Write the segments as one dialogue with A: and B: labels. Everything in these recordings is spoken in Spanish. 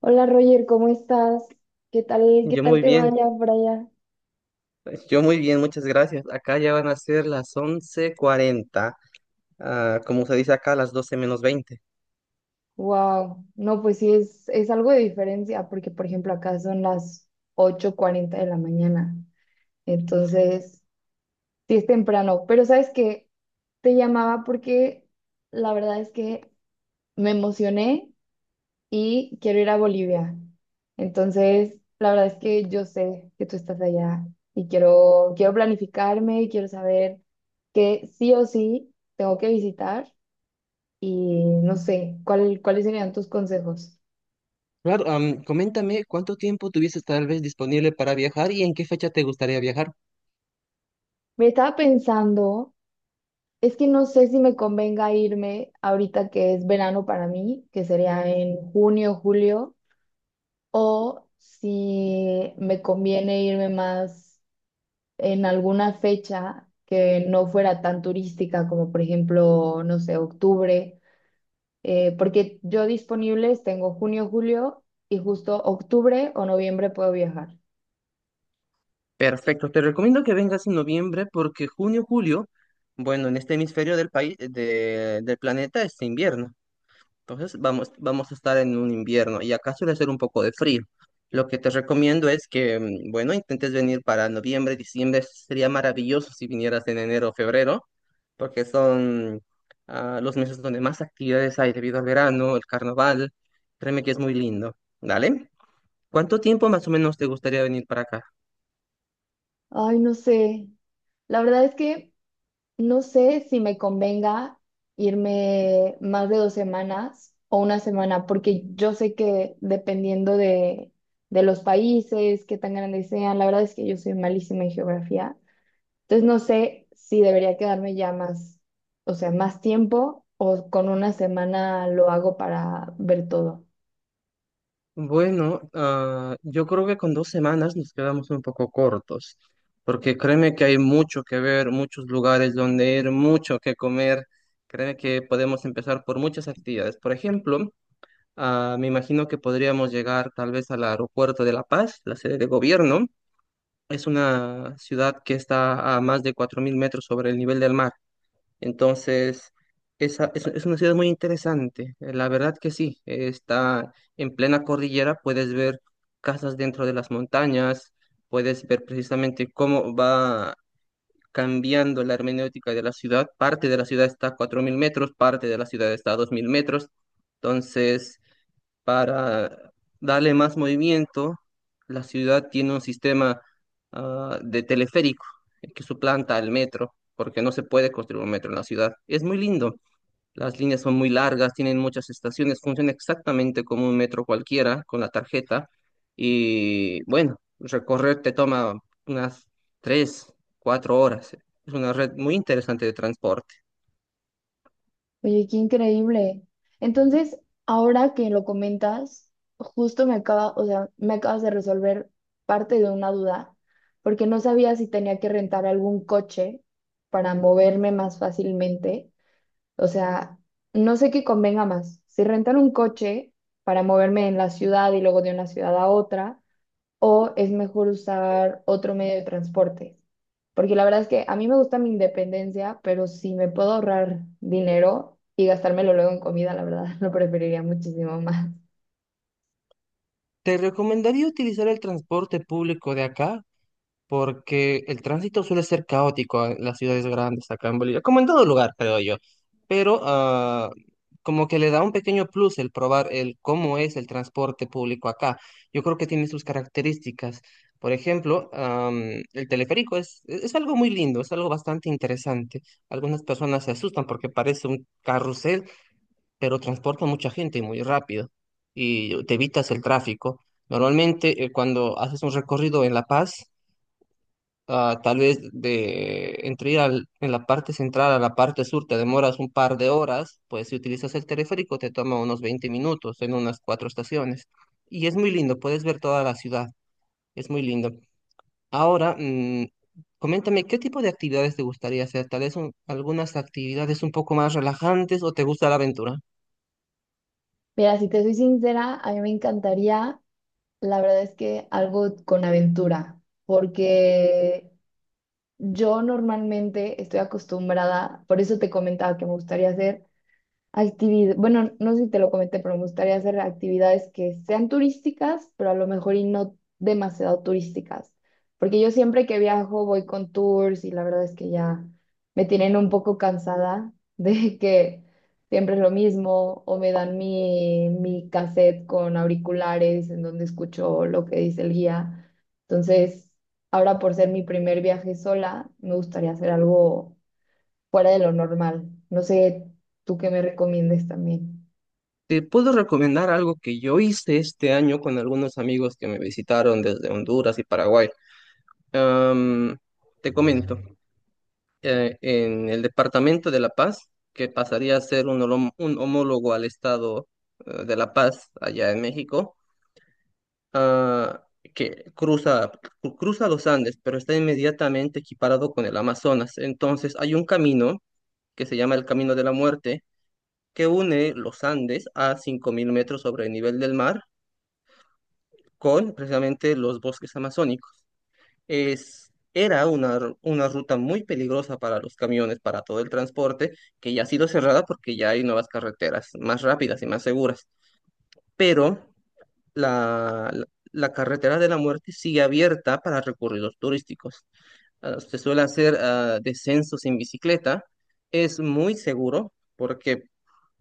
A: Hola Roger, ¿cómo estás? ¿Qué tal, qué
B: Yo
A: tal
B: muy
A: te
B: bien,
A: vaya por allá?
B: muchas gracias. Acá ya van a ser las 11:40, como se dice acá, las 12 menos 20.
A: Wow, no, pues sí es algo de diferencia, porque por ejemplo acá son las 8:40 de la mañana, entonces sí es temprano, pero sabes que te llamaba porque la verdad es que me emocioné y quiero ir a Bolivia, entonces la verdad es que yo sé que tú estás allá y quiero planificarme y quiero saber que sí o sí tengo que visitar. Y no sé, ¿cuáles serían tus consejos?
B: Claro, coméntame cuánto tiempo tuvieses tal vez disponible para viajar y en qué fecha te gustaría viajar.
A: Me estaba pensando, es que no sé si me convenga irme ahorita que es verano para mí, que sería en junio, julio, o si me conviene irme más en alguna fecha que no fuera tan turística, como por ejemplo, no sé, octubre, porque yo disponibles tengo junio, julio y justo octubre o noviembre puedo viajar.
B: Perfecto, te recomiendo que vengas en noviembre porque junio, julio, bueno, en este hemisferio del país, del planeta es invierno. Entonces vamos a estar en un invierno y acá suele hacer un poco de frío. Lo que te recomiendo es que, bueno, intentes venir para noviembre, diciembre. Sería maravilloso si vinieras en enero o febrero, porque son los meses donde más actividades hay debido al verano, el carnaval. Créeme que es muy lindo. ¿Dale? ¿Cuánto tiempo más o menos te gustaría venir para acá?
A: Ay, no sé. La verdad es que no sé si me convenga irme más de 2 semanas o una semana, porque yo sé que dependiendo de los países, qué tan grandes sean, la verdad es que yo soy malísima en geografía. Entonces no sé si debería quedarme ya más, o sea, más tiempo o con una semana lo hago para ver todo.
B: Bueno, yo creo que con dos semanas nos quedamos un poco cortos, porque créeme que hay mucho que ver, muchos lugares donde ir, mucho que comer. Créeme que podemos empezar por muchas actividades. Por ejemplo, me imagino que podríamos llegar tal vez al aeropuerto de La Paz, la sede de gobierno. Es una ciudad que está a más de 4.000 metros sobre el nivel del mar. Entonces, es una ciudad muy interesante, la verdad que sí, está en plena cordillera, puedes ver casas dentro de las montañas, puedes ver precisamente cómo va cambiando la hermenéutica de la ciudad, parte de la ciudad está a 4.000 metros, parte de la ciudad está a 2.000 metros, entonces para darle más movimiento, la ciudad tiene un sistema de teleférico que suplanta al metro, porque no se puede construir un metro en la ciudad. Es muy lindo. Las líneas son muy largas, tienen muchas estaciones, funciona exactamente como un metro cualquiera con la tarjeta. Y bueno, recorrer te toma unas tres, cuatro horas. Es una red muy interesante de transporte.
A: Oye, qué increíble. Entonces, ahora que lo comentas, justo o sea, me acabas de resolver parte de una duda, porque no sabía si tenía que rentar algún coche para moverme más fácilmente. O sea, no sé qué convenga más, si rentar un coche para moverme en la ciudad y luego de una ciudad a otra, o es mejor usar otro medio de transporte. Porque la verdad es que a mí me gusta mi independencia, pero si me puedo ahorrar dinero y gastármelo luego en comida, la verdad lo preferiría muchísimo más.
B: Te recomendaría utilizar el transporte público de acá porque el tránsito suele ser caótico en las ciudades grandes acá en Bolivia, como en todo lugar, creo yo, pero como que le da un pequeño plus el probar el cómo es el transporte público acá. Yo creo que tiene sus características. Por ejemplo, el teleférico es algo muy lindo, es algo bastante interesante. Algunas personas se asustan porque parece un carrusel, pero transporta mucha gente y muy rápido y te evitas el tráfico. Normalmente, cuando haces un recorrido en La Paz, tal vez de entre ir en la parte central a la parte sur te demoras un par de horas, pues si utilizas el teleférico te toma unos 20 minutos en unas cuatro estaciones. Y es muy lindo, puedes ver toda la ciudad, es muy lindo. Ahora, coméntame, ¿qué tipo de actividades te gustaría hacer? Tal vez algunas actividades un poco más relajantes o te gusta la aventura.
A: Mira, si te soy sincera, a mí me encantaría, la verdad es que algo con aventura, porque yo normalmente estoy acostumbrada, por eso te comentaba que me gustaría hacer actividad, bueno, no sé si te lo comenté, pero me gustaría hacer actividades que sean turísticas, pero a lo mejor y no demasiado turísticas, porque yo siempre que viajo voy con tours y la verdad es que ya me tienen un poco cansada de que siempre es lo mismo o me dan mi cassette con auriculares en donde escucho lo que dice el guía. Entonces, ahora por ser mi primer viaje sola, me gustaría hacer algo fuera de lo normal. No sé, tú qué me recomiendes también.
B: Te puedo recomendar algo que yo hice este año con algunos amigos que me visitaron desde Honduras y Paraguay. Am, te comento. Eh, en el Departamento de La Paz, que pasaría a ser un, un homólogo al Estado de La Paz, allá en México, ah, que cruza, cruza los Andes, pero está inmediatamente equiparado con el Amazonas. Entonces hay un camino que se llama el Camino de la Muerte, que une los Andes a 5.000 metros sobre el nivel del mar con precisamente los bosques amazónicos. Era una ruta muy peligrosa para los camiones, para todo el transporte, que ya ha sido cerrada porque ya hay nuevas carreteras más rápidas y más seguras. Pero la, la, la carretera de la muerte sigue abierta para recorridos turísticos. Se suele hacer descensos en bicicleta. Es muy seguro porque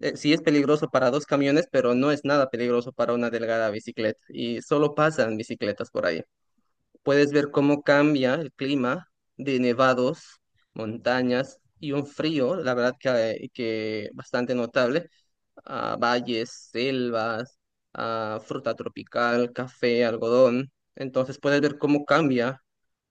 B: sí es peligroso para dos camiones, pero no es nada peligroso para una delgada bicicleta. Y solo pasan bicicletas por ahí. Puedes ver cómo cambia el clima de nevados, montañas y un frío, la verdad que bastante notable, a valles, selvas, a fruta tropical, café, algodón. Entonces puedes ver cómo cambia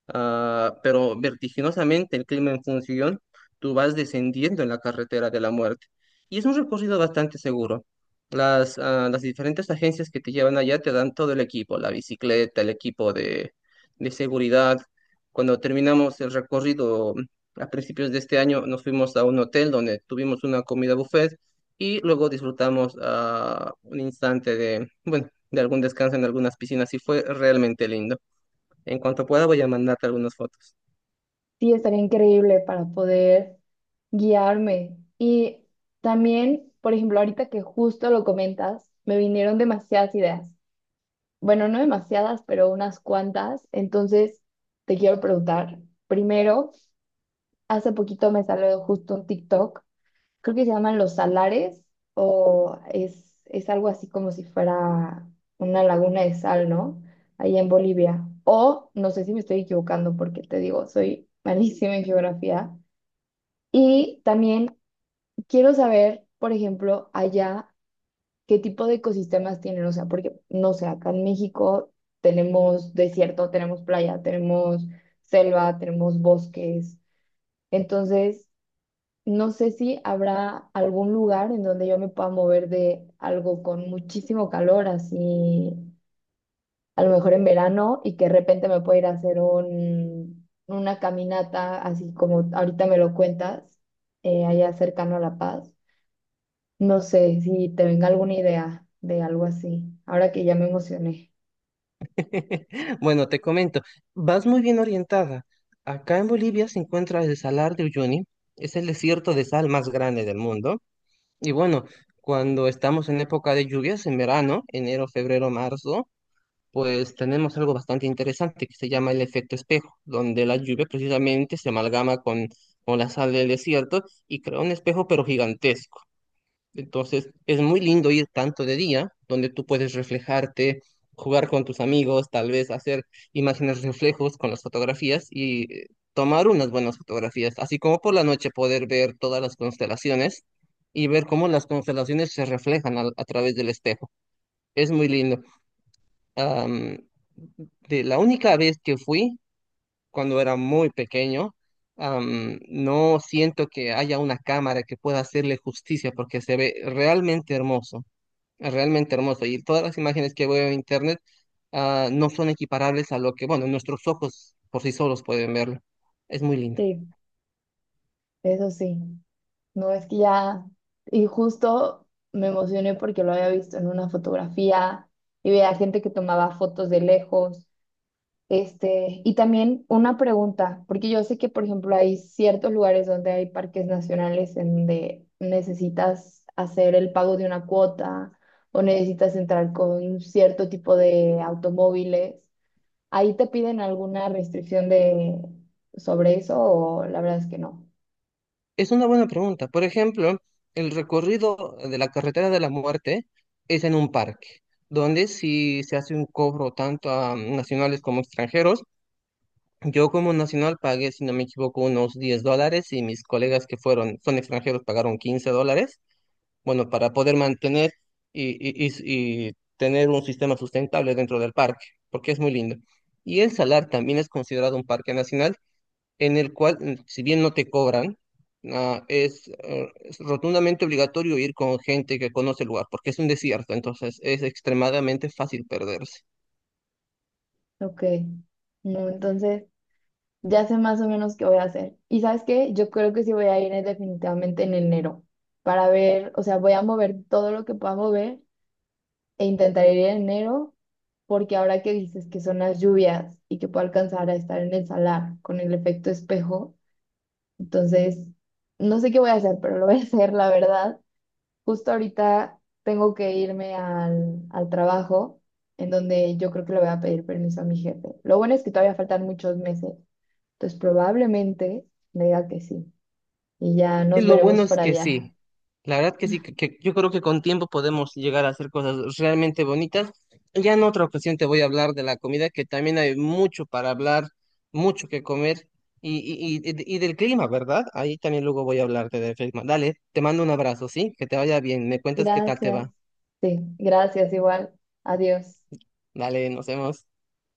B: pero vertiginosamente el clima en función, tú vas descendiendo en la carretera de la muerte. Y es un recorrido bastante seguro. Las diferentes agencias que te llevan allá te dan todo el equipo, la bicicleta, el equipo de seguridad. Cuando terminamos el recorrido a principios de este año, nos fuimos a un hotel donde tuvimos una comida buffet y luego disfrutamos un instante de, bueno, de algún descanso en algunas piscinas y fue realmente lindo. En cuanto pueda voy a mandarte algunas fotos.
A: Sí, estaría increíble para poder guiarme. Y también, por ejemplo, ahorita que justo lo comentas, me vinieron demasiadas ideas. Bueno, no demasiadas, pero unas cuantas. Entonces, te quiero preguntar, primero, hace poquito me salió justo un TikTok, creo que se llaman los salares, es algo así como si fuera una laguna de sal, ¿no? Allá en Bolivia. O no sé si me estoy equivocando porque te digo, soy malísima en geografía. Y también quiero saber, por ejemplo, allá qué tipo de ecosistemas tienen, o sea, porque no sé, acá en México tenemos desierto, tenemos playa, tenemos selva, tenemos bosques. Entonces, no sé si habrá algún lugar en donde yo me pueda mover de algo con muchísimo calor, así a lo mejor en verano, y que de repente me pueda ir a hacer una caminata, así como ahorita me lo cuentas, allá cercano a La Paz. No sé si te venga alguna idea de algo así, ahora que ya me emocioné.
B: Bueno, te comento, vas muy bien orientada. Acá en Bolivia se encuentra el Salar de Uyuni, es el desierto de sal más grande del mundo. Y bueno, cuando estamos en época de lluvias, en verano, enero, febrero, marzo, pues tenemos algo bastante interesante que se llama el efecto espejo, donde la lluvia precisamente se amalgama con la sal del desierto y crea un espejo pero gigantesco. Entonces, es muy lindo ir tanto de día, donde tú puedes reflejarte, jugar con tus amigos, tal vez hacer imágenes reflejos con las fotografías y tomar unas buenas fotografías, así como por la noche poder ver todas las constelaciones y ver cómo las constelaciones se reflejan través del espejo. Es muy lindo. Am, de la única vez que fui, cuando era muy pequeño, no siento que haya una cámara que pueda hacerle justicia porque se ve realmente hermoso. Es realmente hermoso. Y todas las imágenes que veo en internet no son equiparables a lo que, bueno, nuestros ojos por sí solos pueden verlo. Es muy lindo.
A: Sí, eso sí. No, es que ya, y justo me emocioné porque lo había visto en una fotografía y veía gente que tomaba fotos de lejos. Este, y también una pregunta, porque yo sé que, por ejemplo, hay ciertos lugares donde hay parques nacionales en donde necesitas hacer el pago de una cuota o necesitas entrar con cierto tipo de automóviles. ¿Ahí te piden alguna restricción de sobre eso o la verdad es que no?
B: Es una buena pregunta. Por ejemplo, el recorrido de la carretera de la muerte es en un parque, donde si se hace un cobro tanto a nacionales como extranjeros, yo como nacional pagué, si no me equivoco, unos $10 y mis colegas que fueron, son extranjeros, pagaron $15. Bueno, para poder mantener y tener un sistema sustentable dentro del parque, porque es muy lindo. Y el Salar también es considerado un parque nacional en el cual, si bien no te cobran, es rotundamente obligatorio ir con gente que conoce el lugar, porque es un desierto, entonces es extremadamente fácil perderse.
A: Ok. No, entonces ya sé más o menos qué voy a hacer. ¿Y sabes qué? Yo creo que sí voy a ir, definitivamente en enero para ver, o sea, voy a mover todo lo que pueda mover e intentaré ir en enero porque ahora que dices que son las lluvias y que puedo alcanzar a estar en el salar con el efecto espejo, entonces no sé qué voy a hacer, pero lo voy a hacer, la verdad. Justo ahorita tengo que irme al trabajo en donde yo creo que le voy a pedir permiso a mi jefe. Lo bueno es que todavía faltan muchos meses. Entonces probablemente me diga que sí. Y ya
B: Y
A: nos
B: lo bueno
A: veremos
B: es
A: por
B: que
A: allá.
B: sí, la verdad que sí, que yo creo que con tiempo podemos llegar a hacer cosas realmente bonitas. Ya en otra ocasión te voy a hablar de la comida, que también hay mucho para hablar, mucho que comer y del clima, ¿verdad? Ahí también luego voy a hablarte del clima. Dale, te mando un abrazo, ¿sí? Que te vaya bien, me cuentas qué tal te
A: Gracias.
B: va.
A: Sí, gracias igual. Adiós.
B: Dale, nos vemos.